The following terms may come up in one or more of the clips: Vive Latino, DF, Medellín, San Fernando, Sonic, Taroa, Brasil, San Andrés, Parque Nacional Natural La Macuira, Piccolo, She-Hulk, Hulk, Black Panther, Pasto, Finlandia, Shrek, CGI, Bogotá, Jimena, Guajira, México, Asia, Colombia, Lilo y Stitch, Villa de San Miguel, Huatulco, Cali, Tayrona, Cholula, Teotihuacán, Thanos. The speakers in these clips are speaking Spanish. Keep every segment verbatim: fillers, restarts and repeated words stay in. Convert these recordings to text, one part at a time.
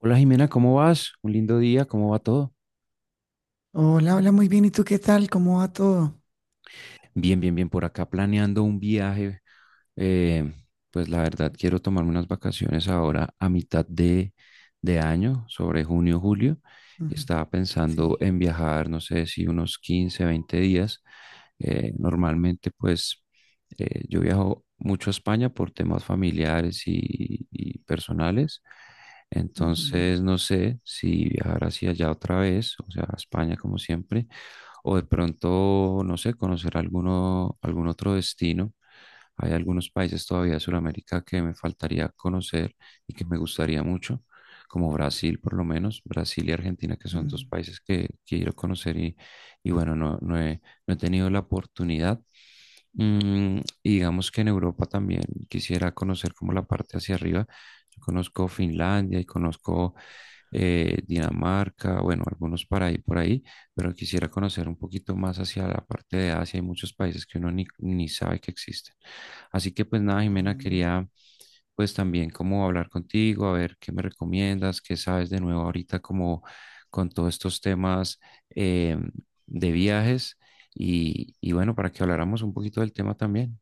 Hola, Jimena, ¿cómo vas? Un lindo día, ¿cómo va todo? Hola, hola, muy bien. ¿Y tú qué tal? ¿Cómo va todo? Bien, bien, bien, por acá planeando un viaje. eh, pues la verdad, quiero tomarme unas vacaciones ahora a mitad de, de año, sobre junio, julio, y Ujú. estaba pensando Sí. en viajar, no sé si unos quince veinte días. Eh, normalmente, pues eh, yo viajo mucho a España por temas familiares y, y personales, Ujú. entonces no sé si viajar hacia allá otra vez, o sea, a España como siempre, o de pronto, no sé, conocer alguno, algún otro destino. Hay algunos países todavía de Sudamérica que me faltaría conocer y que me gustaría mucho, como Brasil por lo menos, Brasil y Argentina, que son dos Mm. países que quiero conocer y, y bueno, no, no he, no he tenido la oportunidad. Mm, y digamos que en Europa también quisiera conocer como la parte hacia arriba. Yo conozco Finlandia y conozco eh, Dinamarca, bueno, algunos para ahí por ahí, pero quisiera conocer un poquito más hacia la parte de Asia. Hay muchos países que uno ni, ni sabe que existen. Así que pues nada, Jimena, Mm. quería pues también como hablar contigo, a ver qué me recomiendas, qué sabes de nuevo ahorita como con todos estos temas eh, de viajes y, y bueno, para que habláramos un poquito del tema también.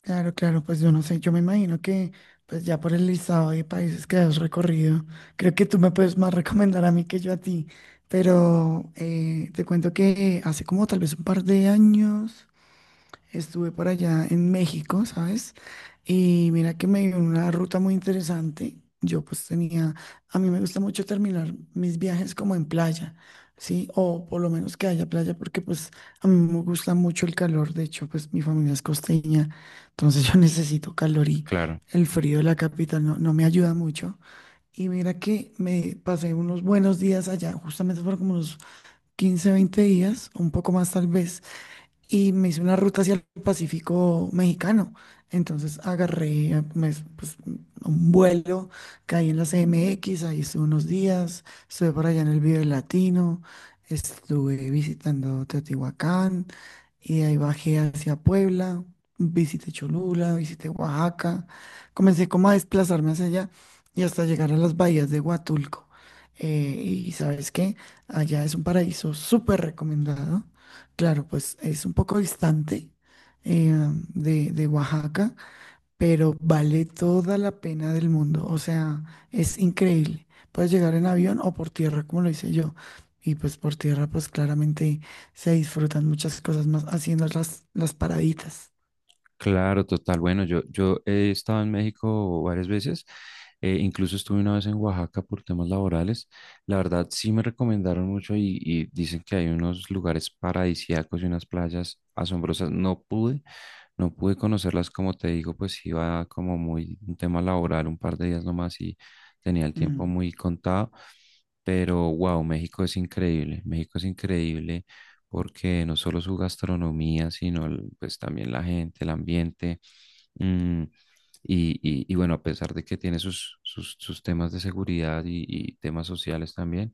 Claro, claro, pues yo no sé, yo me imagino que pues ya por el listado de países que has recorrido, creo que tú me puedes más recomendar a mí que yo a ti, pero eh, te cuento que hace como tal vez un par de años. Estuve por allá en México, ¿sabes? Y mira que me dio una ruta muy interesante. Yo pues tenía, a mí me gusta mucho terminar mis viajes como en playa, ¿sí? O por lo menos que haya playa, porque pues a mí me gusta mucho el calor. De hecho, pues mi familia es costeña, entonces yo necesito calor y Claro. el frío de la capital no, no me ayuda mucho. Y mira que me pasé unos buenos días allá, justamente fueron como unos quince, veinte días, un poco más tal vez, y me hice una ruta hacia el Pacífico mexicano. Entonces agarré eh, me- pues, un vuelo, caí en la C M X, ahí estuve unos días, estuve por allá en el Vive Latino, estuve visitando Teotihuacán y de ahí bajé hacia Puebla, visité Cholula, visité Oaxaca, comencé como a desplazarme hacia allá y hasta llegar a las bahías de Huatulco. Eh, y sabes qué, allá es un paraíso súper recomendado. Claro, pues es un poco distante eh, de, de Oaxaca, pero vale toda la pena del mundo. O sea, es increíble. Puedes llegar en avión o por tierra, como lo hice yo. Y pues por tierra, pues claramente se disfrutan muchas cosas más haciendo las, las paraditas. Claro, total. Bueno, yo, yo he estado en México varias veces, eh, incluso estuve una vez en Oaxaca por temas laborales. La verdad, sí me recomendaron mucho y, y dicen que hay unos lugares paradisíacos y unas playas asombrosas. No pude, no pude conocerlas, como te digo, pues iba como muy un tema laboral, un par de días nomás y tenía el tiempo Mm. muy contado. Pero wow, México es increíble, México es increíble porque no solo su gastronomía, sino el- pues también la gente, el ambiente, mm, y, y- y bueno, a pesar de que tiene sus, sus, sus temas de seguridad y, y temas sociales también,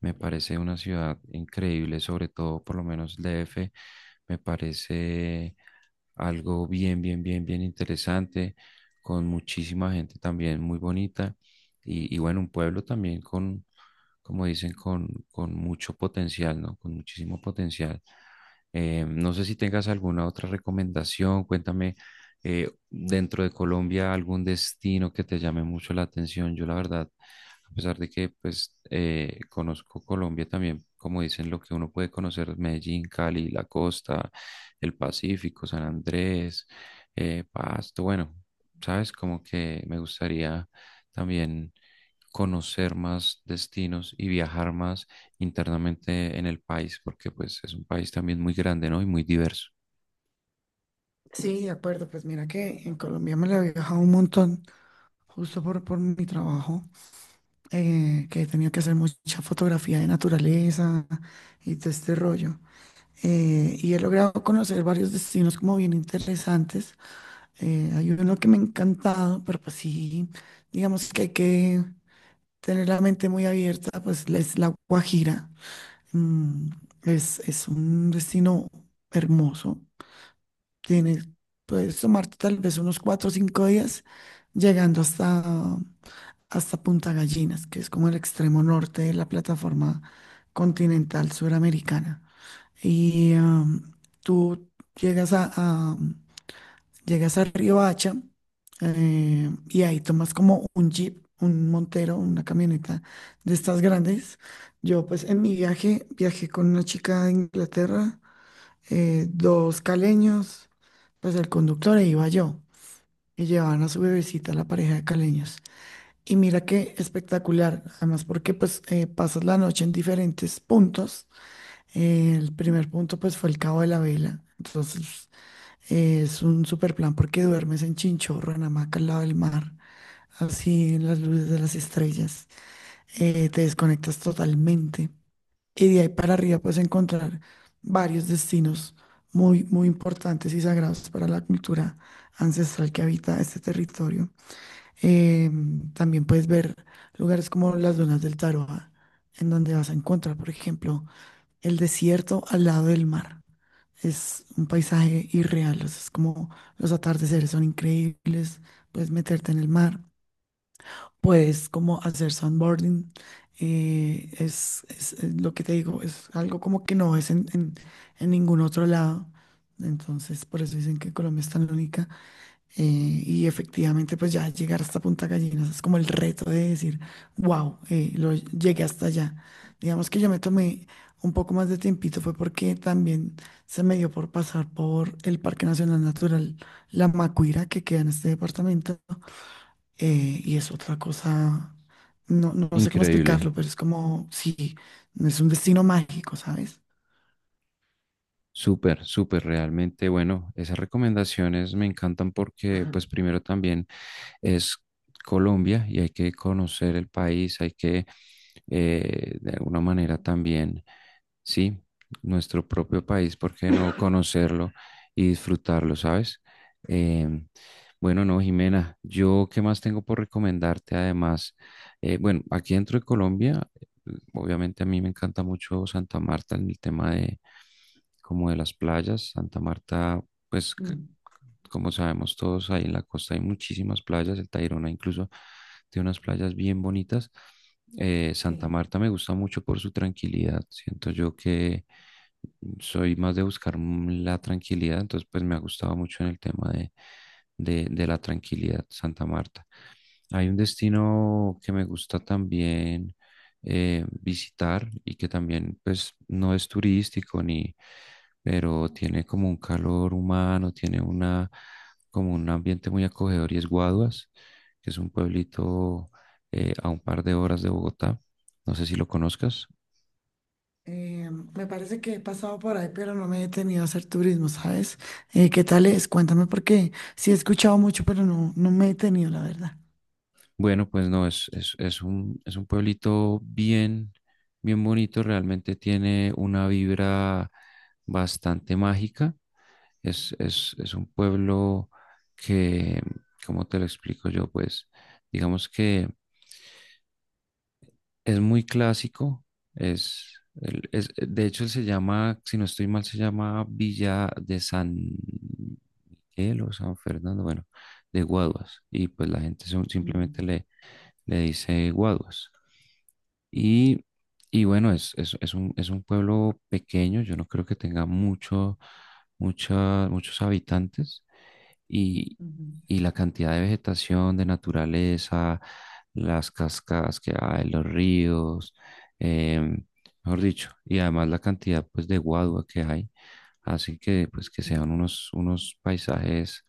me parece una ciudad increíble, sobre todo por lo menos el D F. Me parece algo bien, bien, bien, bien interesante, con muchísima gente también muy bonita. Y, y bueno, un pueblo también con, como dicen, con, con mucho potencial, ¿no? Con muchísimo potencial. Eh, no sé si tengas alguna otra recomendación, cuéntame eh, dentro de Colombia algún destino que te llame mucho la atención. Yo la verdad, a pesar de que pues eh, conozco Colombia también, como dicen lo que uno puede conocer, Medellín, Cali, la costa, el Pacífico, San Andrés, eh, Pasto, bueno, sabes, como que me gustaría también conocer más destinos y viajar más internamente en el país, porque pues es un país también muy grande, ¿no? Y muy diverso. Sí, de acuerdo. Pues mira que en Colombia me la he viajado un montón, justo por, por mi trabajo, eh, que he tenido que hacer mucha fotografía de naturaleza y todo este rollo. Eh, y he logrado conocer varios destinos como bien interesantes. Eh, hay uno que me ha encantado, pero pues sí, digamos que hay que tener la mente muy abierta, pues la- es la Guajira. Mm, es, es un destino hermoso. Tienes, puedes tomarte tal vez unos cuatro o cinco días llegando hasta, hasta Punta Gallinas, que es como el extremo norte de la plataforma continental suramericana. Y am, tú llegas a, a- llegas a Riohacha eh, y ahí tomas como un jeep, un Montero, una camioneta de estas grandes. Yo pues en mi viaje viajé con una chica de Inglaterra, eh, dos caleños, pues el conductor e iba yo. Y llevaban a su bebecita la pareja de caleños. Y mira qué espectacular, además porque pues eh, pasas la noche en diferentes puntos. Eh, el primer punto pues fue el Cabo de la Vela. Entonces eh, es un super plan porque duermes en chinchorro, en hamaca al lado del mar, así en las luces de las estrellas. Eh, te desconectas totalmente. Y de ahí para arriba puedes encontrar varios destinos muy, muy importantes y sagrados para la cultura ancestral que habita este territorio. Eh, también puedes ver lugares como las dunas del Taroa, en donde vas a encontrar, por ejemplo, el desierto al lado del mar. Es un paisaje irreal, o sea, es como los atardeceres son increíbles, puedes meterte en el mar, puedes como hacer sandboarding. Eh, es, es- es lo que te digo, es algo como que no es en, en- en ningún otro lado, entonces por eso dicen que Colombia es tan única. Eh, y efectivamente, pues ya llegar hasta Punta Gallinas es como el reto de decir, wow, lo llegué hasta allá. Digamos que yo me tomé un poco más de tiempito, fue porque también se me dio por pasar por el Parque Nacional Natural La Macuira, que queda en este departamento, eh, y es otra cosa, no, no sé cómo Increíble. explicarlo, pero es como, sí, es un destino mágico, ¿sabes? Súper, súper, realmente, bueno, esas recomendaciones me encantan porque pues primero también es Colombia y hay que conocer el país, hay que, eh, de alguna manera también, sí, nuestro propio país, ¿por qué no conocerlo y disfrutarlo, ¿sabes? Em, bueno, no, Jimena, yo qué más tengo por recomendarte además. Eh, bueno, aquí dentro de Colombia, obviamente a mí me encanta mucho Santa Marta en el tema de como de las playas. Santa Marta, pues c- Mm, como sabemos todos, ahí en la costa hay muchísimas playas. El Tayrona incluso tiene unas playas bien bonitas. Eh, Santa sí. Marta me gusta mucho por su tranquilidad. Siento yo que soy más de buscar mm, la tranquilidad, entonces pues me ha gustado mucho en el tema de, de, de la tranquilidad Santa Marta. Hay un destino que me gusta también eh, visitar y que también pues no es turístico ni, pero tiene como un calor humano, tiene una como un ambiente muy acogedor y es Guaduas, que es un pueblito eh, a un par de horas de Bogotá. No sé si lo conozcas. Eh, me parece que he pasado por ahí, pero no me he detenido a hacer turismo, ¿sabes? Eh, ¿qué tal es? Cuéntame porque sí he escuchado mucho, pero no, no me he detenido, la verdad. Bueno, pues no, es, es, es un, es un pueblito bien, bien bonito, realmente tiene una vibra bastante mágica. Es, es, es un pueblo que, ¿cómo te lo explico yo? Pues digamos que es muy clásico, es, el- es- de hecho él se llama, si no estoy mal, se llama Villa de San Miguel o San Fernando, bueno, de Guaduas, y pues la gente son- Ujú, simplemente le, le dice Guaduas. Y, y bueno, es, es, es un, es un pueblo pequeño, yo no creo que tenga mucho, mucha- muchos habitantes y, ujú, y la cantidad de vegetación, de naturaleza, las cascadas que hay, los ríos, em, mejor dicho, y además la cantidad pues de guadua que hay, así que pues que sean ujú. unos, unos paisajes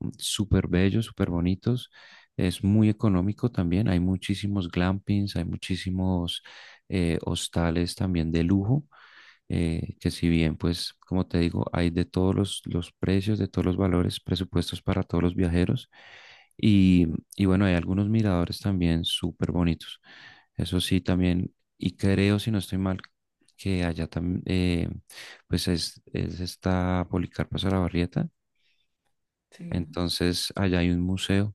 mm, súper bellos, súper bonitos. Es muy económico también, hay muchísimos glampings, hay muchísimos eh, hostales también de lujo, eh, que si bien, pues, como te digo, hay de todos los, los precios, de todos los valores, presupuestos para todos los viajeros. Y, y bueno, hay algunos miradores también súper bonitos. Eso sí, también, y creo, si no estoy mal, que allá también, pues es, es esta Policarpa Barrieta, Sí, entonces allá hay un museo,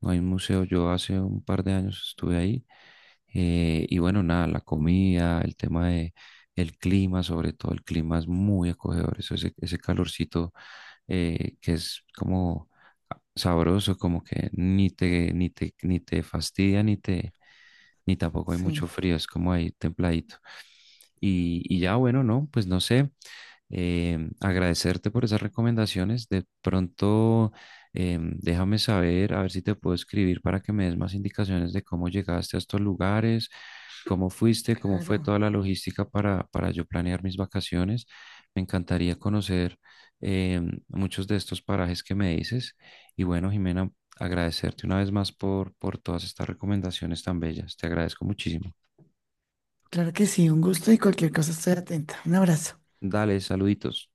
no hay un museo, yo hace un par de años estuve ahí, eh, y bueno, nada, la comida, el tema de el clima, sobre todo el clima es muy acogedor, eso, ese, ese calorcito eh, que es como sabroso, como que ni te, ni te, ni te fastidia, ni te, ni tampoco hay mucho sí, frío, es como ahí templadito. Y, y ya, bueno, no, pues no sé, eh, agradecerte por esas recomendaciones. De pronto, em, déjame saber, a ver si te puedo escribir para que me des más indicaciones de cómo llegaste a estos lugares, cómo fuiste, cómo fue claro. toda la logística para, para yo planear mis vacaciones. Me encantaría conocer em, muchos de estos parajes que me dices. Y bueno, Jimena, agradecerte una vez más por, por todas estas recomendaciones tan bellas. Te agradezco muchísimo. Claro que sí, un gusto y cualquier cosa estoy atenta. Un abrazo. Dale, saluditos.